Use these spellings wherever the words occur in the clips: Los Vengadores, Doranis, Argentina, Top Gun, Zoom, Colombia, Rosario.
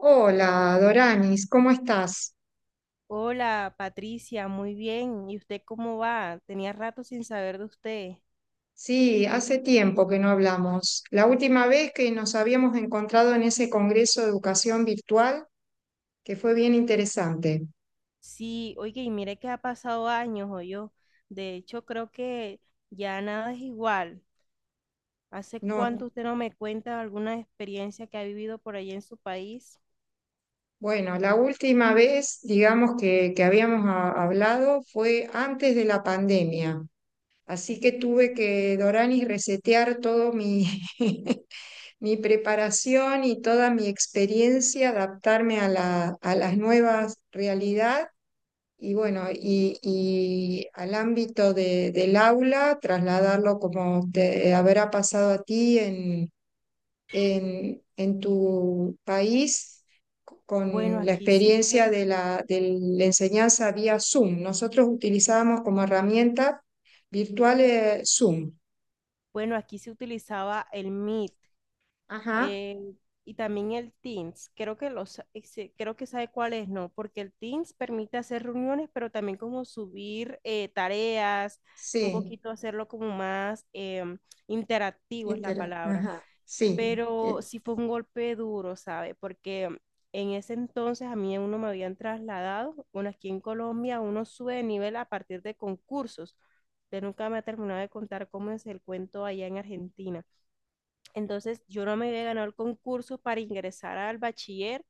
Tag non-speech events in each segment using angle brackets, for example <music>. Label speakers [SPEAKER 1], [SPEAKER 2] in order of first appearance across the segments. [SPEAKER 1] Hola, Doranis, ¿cómo estás?
[SPEAKER 2] Hola Patricia, muy bien. ¿Y usted cómo va? Tenía rato sin saber de usted.
[SPEAKER 1] Sí, hace tiempo que no hablamos. La última vez que nos habíamos encontrado en ese Congreso de Educación Virtual, que fue bien interesante.
[SPEAKER 2] Sí, oye, y mire que ha pasado años, o yo. De hecho, creo que ya nada es igual. ¿Hace
[SPEAKER 1] No,
[SPEAKER 2] cuánto usted no me cuenta alguna experiencia que ha vivido por allá en su país?
[SPEAKER 1] bueno, la última vez, digamos, que habíamos hablado fue antes de la pandemia. Así que tuve que, Doranis, resetear todo mi, <laughs> mi preparación y toda mi experiencia, adaptarme a a las nuevas realidades. Y bueno, y al ámbito del aula, trasladarlo como te habrá pasado a ti en tu país
[SPEAKER 2] Bueno,
[SPEAKER 1] con la
[SPEAKER 2] aquí sí fue-
[SPEAKER 1] experiencia de de la enseñanza vía Zoom. Nosotros utilizábamos como herramienta virtual Zoom.
[SPEAKER 2] bueno, aquí se utilizaba el Meet.
[SPEAKER 1] Ajá,
[SPEAKER 2] eh, y también el Teams. Creo que creo que sabe cuál es, ¿no? Porque el Teams permite hacer reuniones, pero también como subir tareas, un
[SPEAKER 1] sí,
[SPEAKER 2] poquito hacerlo como más interactivo es la palabra.
[SPEAKER 1] ajá, sí.
[SPEAKER 2] Pero sí fue un golpe duro, ¿sabe? Porque en ese entonces a mí uno me habían trasladado, bueno, aquí en Colombia uno sube de nivel a partir de concursos. Usted nunca me ha terminado de contar cómo es el cuento allá en Argentina. Entonces yo no me había ganado el concurso para ingresar al bachiller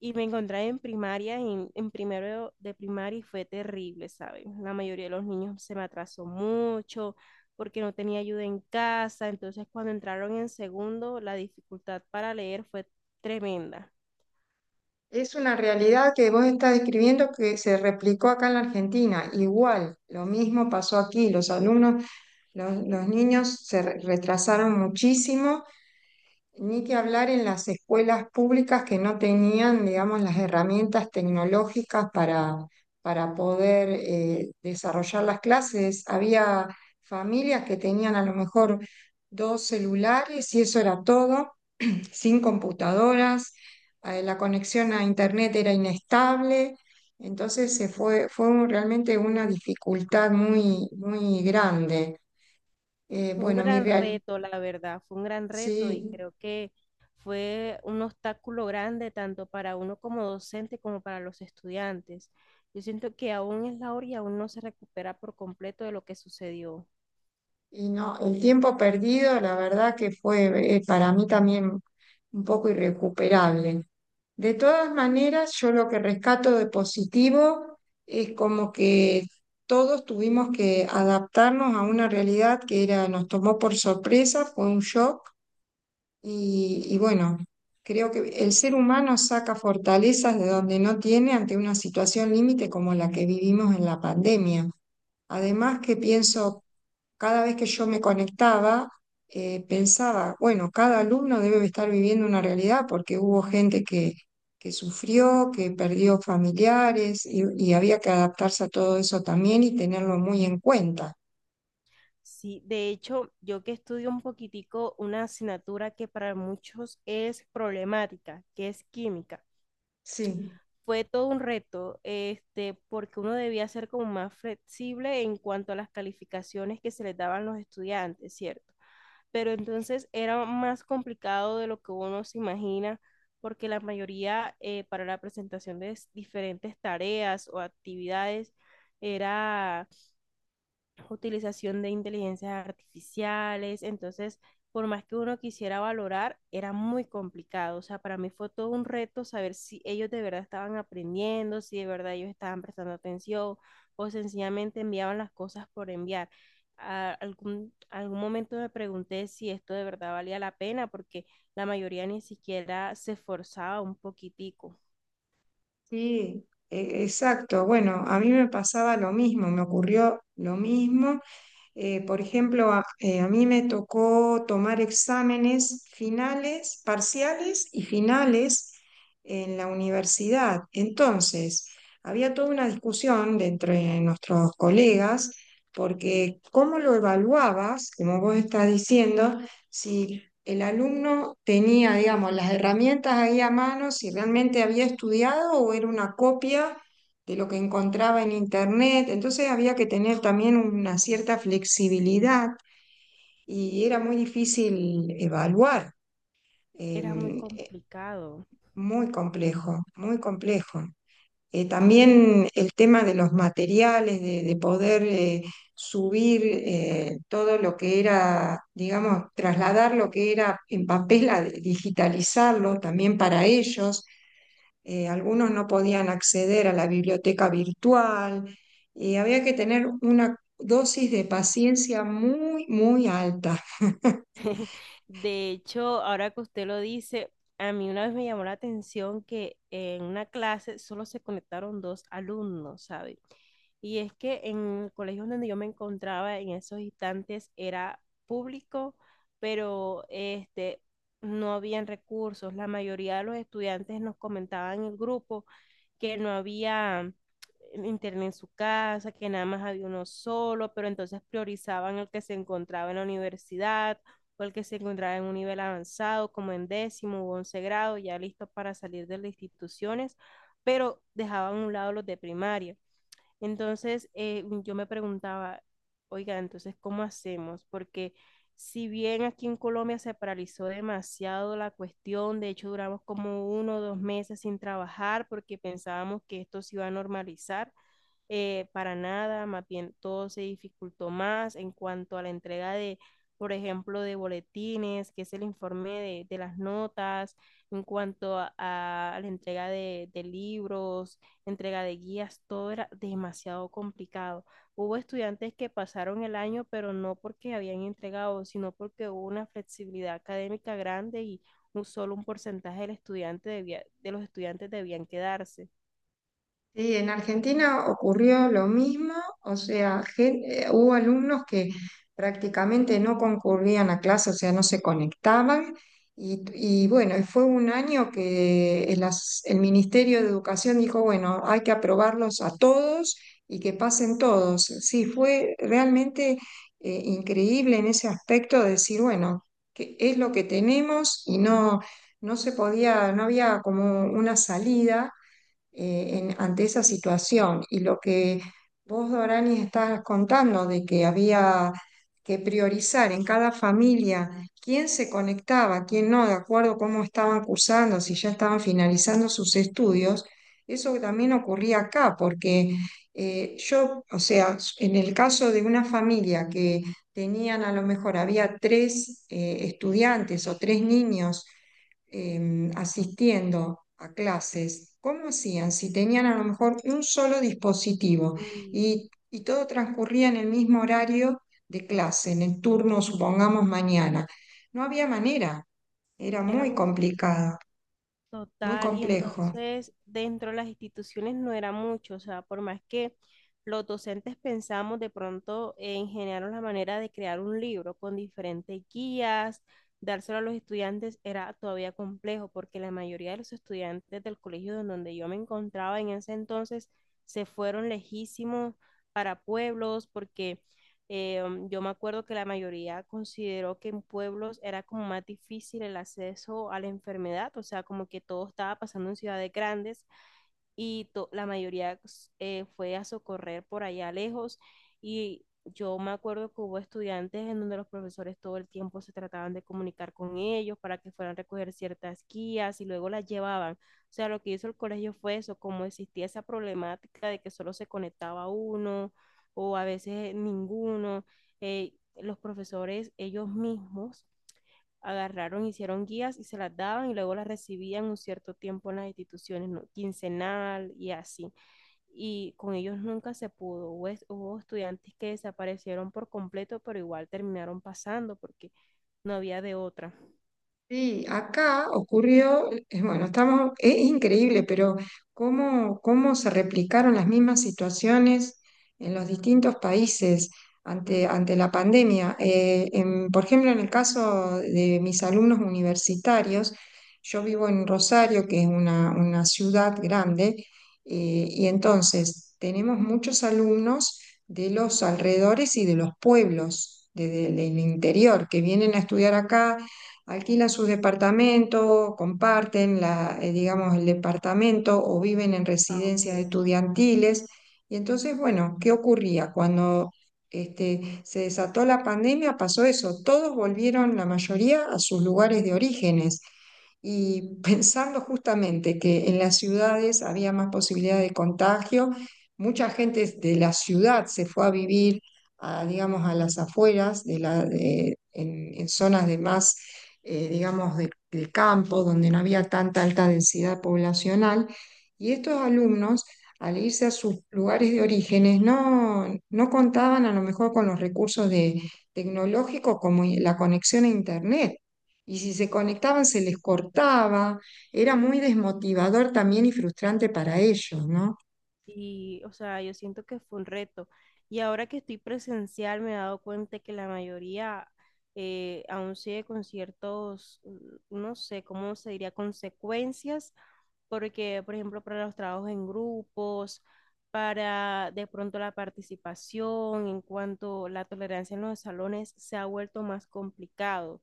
[SPEAKER 2] y me encontré en primaria, en primero de primaria y fue terrible, ¿sabes? La mayoría de los niños se me atrasó mucho porque no tenía ayuda en casa, entonces cuando entraron en segundo la dificultad para leer fue tremenda.
[SPEAKER 1] Es una realidad que vos estás describiendo que se replicó acá en la Argentina. Igual, lo mismo pasó aquí. Los alumnos, los niños se retrasaron muchísimo, ni que hablar en las escuelas públicas que no tenían, digamos, las herramientas tecnológicas para poder desarrollar las clases. Había familias que tenían a lo mejor dos celulares y eso era todo sin computadoras, la conexión a internet era inestable, entonces realmente una dificultad muy, muy grande. Eh,
[SPEAKER 2] Fue un
[SPEAKER 1] bueno, mi
[SPEAKER 2] gran
[SPEAKER 1] real,
[SPEAKER 2] reto, la verdad, fue un gran reto y
[SPEAKER 1] sí.
[SPEAKER 2] creo que fue un obstáculo grande tanto para uno como docente como para los estudiantes. Yo siento que aún es la hora y aún no se recupera por completo de lo que sucedió.
[SPEAKER 1] Y no, el tiempo perdido, la verdad que fue para mí también un poco irrecuperable. De todas maneras, yo lo que rescato de positivo es como que todos tuvimos que adaptarnos a una realidad que era, nos tomó por sorpresa, fue un shock y bueno, creo que el ser humano saca fortalezas de donde no tiene ante una situación límite como la que vivimos en la pandemia. Además que
[SPEAKER 2] Ujú.
[SPEAKER 1] pienso cada vez que yo me conectaba, pensaba, bueno, cada alumno debe estar viviendo una realidad porque hubo gente que sufrió, que perdió familiares y había que adaptarse a todo eso también y tenerlo muy en cuenta.
[SPEAKER 2] Sí, de hecho, yo que estudio un poquitico una asignatura que para muchos es problemática, que es química.
[SPEAKER 1] Sí.
[SPEAKER 2] Fue todo un reto, este, porque uno debía ser como más flexible en cuanto a las calificaciones que se les daban los estudiantes, ¿cierto? Pero entonces era más complicado de lo que uno se imagina, porque la mayoría para la presentación de diferentes tareas o actividades era utilización de inteligencias artificiales, entonces por más que uno quisiera valorar, era muy complicado. O sea, para mí fue todo un reto saber si ellos de verdad estaban aprendiendo, si de verdad ellos estaban prestando atención o sencillamente enviaban las cosas por enviar. A algún momento me pregunté si esto de verdad valía la pena porque la mayoría ni siquiera se esforzaba un poquitico.
[SPEAKER 1] Sí, exacto. Bueno, a mí me pasaba lo mismo, me ocurrió lo mismo. Por ejemplo, a mí me tocó tomar exámenes finales, parciales y finales en la universidad. Entonces, había toda una discusión de entre nuestros colegas, porque cómo lo evaluabas, como vos estás diciendo, si el alumno tenía, digamos, las herramientas ahí a mano, si realmente había estudiado o era una copia de lo que encontraba en internet. Entonces había que tener también una cierta flexibilidad y era muy difícil evaluar.
[SPEAKER 2] Era muy
[SPEAKER 1] em, eh,
[SPEAKER 2] complicado.
[SPEAKER 1] muy complejo, muy complejo. También el tema de los materiales, de poder subir todo lo que era, digamos, trasladar lo que era en papel, a digitalizarlo también para ellos. Algunos no podían acceder a la biblioteca virtual. Había que tener una dosis de paciencia muy, muy alta. <laughs>
[SPEAKER 2] <laughs> De hecho, ahora que usted lo dice, a mí una vez me llamó la atención que en una clase solo se conectaron dos alumnos, ¿sabe? Y es que en el colegio donde yo me encontraba en esos instantes era público, pero este, no habían recursos. La mayoría de los estudiantes nos comentaban en el grupo que no había internet en su casa, que nada más había uno solo, pero entonces priorizaban el que se encontraba en la universidad o el que se encontraba en un nivel avanzado, como en décimo u once grado, ya listos para salir de las instituciones, pero dejaban a un lado los de primaria. Entonces, yo me preguntaba, oiga, entonces, ¿cómo hacemos? Porque si bien aquí en Colombia se paralizó demasiado la cuestión, de hecho duramos como uno o dos meses sin trabajar porque pensábamos que esto se iba a normalizar, para nada, más bien todo se dificultó más en cuanto a la entrega por ejemplo, de boletines, que es el informe de las notas, en cuanto a la entrega libros, entrega de guías, todo era demasiado complicado. Hubo estudiantes que pasaron el año, pero no porque habían entregado, sino porque hubo una flexibilidad académica grande y solo un porcentaje de los estudiantes debían quedarse.
[SPEAKER 1] Sí, en Argentina ocurrió lo mismo, o sea, hubo alumnos que prácticamente no concurrían a clase, o sea, no se conectaban. Y bueno, fue un año que el Ministerio de Educación dijo, bueno, hay que aprobarlos a todos y que pasen todos. Sí, fue realmente increíble en ese aspecto de decir, bueno, que es lo que tenemos y no, no se podía, no había como una salida ante esa situación. Y lo que vos, Dorani, estás contando de que había que priorizar en cada familia quién se conectaba, quién no, de acuerdo a cómo estaban cursando, si ya estaban finalizando sus estudios, eso también ocurría acá, porque yo, o sea, en el caso de una familia que tenían a lo mejor, había tres estudiantes o tres niños, asistiendo a clases, ¿cómo hacían si tenían a lo mejor un solo dispositivo
[SPEAKER 2] Mm,
[SPEAKER 1] y todo transcurría en el mismo horario de clase, en el turno, supongamos, mañana? No había manera, era
[SPEAKER 2] era
[SPEAKER 1] muy
[SPEAKER 2] muy
[SPEAKER 1] complicado, muy
[SPEAKER 2] Total, y
[SPEAKER 1] complejo.
[SPEAKER 2] entonces dentro de las instituciones no era mucho, o sea, por más que los docentes pensamos de pronto en generar la manera de crear un libro con diferentes guías, dárselo a los estudiantes era todavía complejo porque la mayoría de los estudiantes del colegio en donde yo me encontraba en ese entonces se fueron lejísimos para pueblos porque eh, yo me acuerdo que la mayoría consideró que en pueblos era como más difícil el acceso a la enfermedad, o sea, como que todo estaba pasando en ciudades grandes y la mayoría fue a socorrer por allá lejos y yo me acuerdo que hubo estudiantes en donde los profesores todo el tiempo se trataban de comunicar con ellos para que fueran a recoger ciertas guías y luego las llevaban. O sea, lo que hizo el colegio fue eso, como existía esa problemática de que solo se conectaba uno o a veces ninguno, los profesores ellos mismos agarraron, hicieron guías y se las daban y luego las recibían un cierto tiempo en las instituciones, ¿no? Quincenal y así. Y con ellos nunca se pudo. Hubo estudiantes que desaparecieron por completo, pero igual terminaron pasando porque no había de otra.
[SPEAKER 1] Sí, acá ocurrió, bueno, estamos, es increíble, pero cómo, cómo se replicaron las mismas situaciones en los distintos países ante,
[SPEAKER 2] Mm,
[SPEAKER 1] ante la pandemia. Por ejemplo, en el caso de mis alumnos universitarios, yo vivo en Rosario, que es una ciudad grande, y entonces tenemos muchos alumnos de los alrededores y de los pueblos, del interior, que vienen a estudiar acá, alquilan sus departamentos, comparten la, digamos, el departamento o viven en
[SPEAKER 2] ah,
[SPEAKER 1] residencias
[SPEAKER 2] ok.
[SPEAKER 1] estudiantiles. Y entonces, bueno, ¿qué ocurría? Cuando este, se desató la pandemia, pasó eso. Todos volvieron, la mayoría, a sus lugares de orígenes. Y <laughs> pensando justamente que en las ciudades había más posibilidad de contagio, mucha gente de la ciudad se fue a vivir, a, digamos, a las afueras, de en zonas de más digamos, del campo, donde no había tanta alta densidad poblacional, y estos alumnos, al irse a sus lugares de orígenes, no, no contaban a lo mejor con los recursos de, tecnológicos como la conexión a Internet. Y si se conectaban, se les cortaba, era muy desmotivador también y frustrante para ellos, ¿no?
[SPEAKER 2] Y, o sea, yo siento que fue un reto. Y ahora que estoy presencial, me he dado cuenta que la mayoría aún sigue con ciertos, no sé cómo se diría, consecuencias porque, por ejemplo, para los trabajos en grupos, para de pronto la participación, en cuanto la tolerancia en los salones, se ha vuelto más complicado.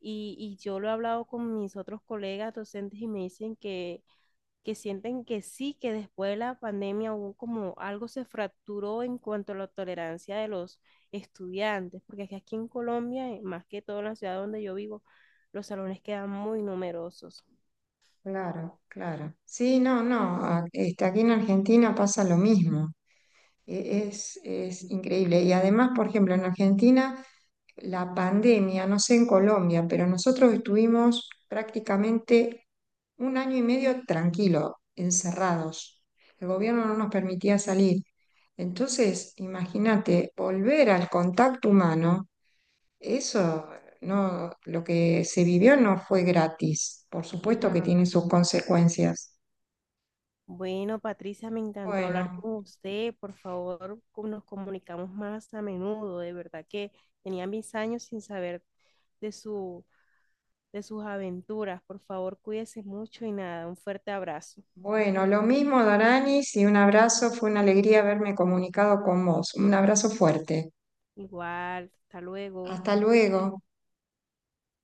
[SPEAKER 2] Y yo lo he hablado con mis otros colegas docentes y me dicen que sienten que sí, que después de la pandemia hubo como algo se fracturó en cuanto a la tolerancia de los estudiantes, porque aquí en Colombia, más que todo en la ciudad donde yo vivo, los salones quedan muy numerosos.
[SPEAKER 1] Claro, claro. Sí, no, no, este, aquí en Argentina pasa lo mismo. Es increíble. Y además, por ejemplo, en Argentina, la pandemia, no sé en Colombia, pero nosotros estuvimos prácticamente un año y medio tranquilo, encerrados. El gobierno no nos permitía salir. Entonces, imagínate, volver al contacto humano, eso no, lo que se vivió no fue gratis. Por supuesto
[SPEAKER 2] No.
[SPEAKER 1] que tiene sus consecuencias.
[SPEAKER 2] Bueno, Patricia, me encantó hablar
[SPEAKER 1] Bueno.
[SPEAKER 2] con usted. Por favor, nos comunicamos más a menudo. De verdad que tenía mis años sin saber de su, de sus aventuras. Por favor, cuídese mucho y nada, un fuerte abrazo.
[SPEAKER 1] Bueno, lo mismo, Doranis, y un abrazo. Fue una alegría haberme comunicado con vos. Un abrazo fuerte.
[SPEAKER 2] Igual, hasta luego.
[SPEAKER 1] Hasta luego.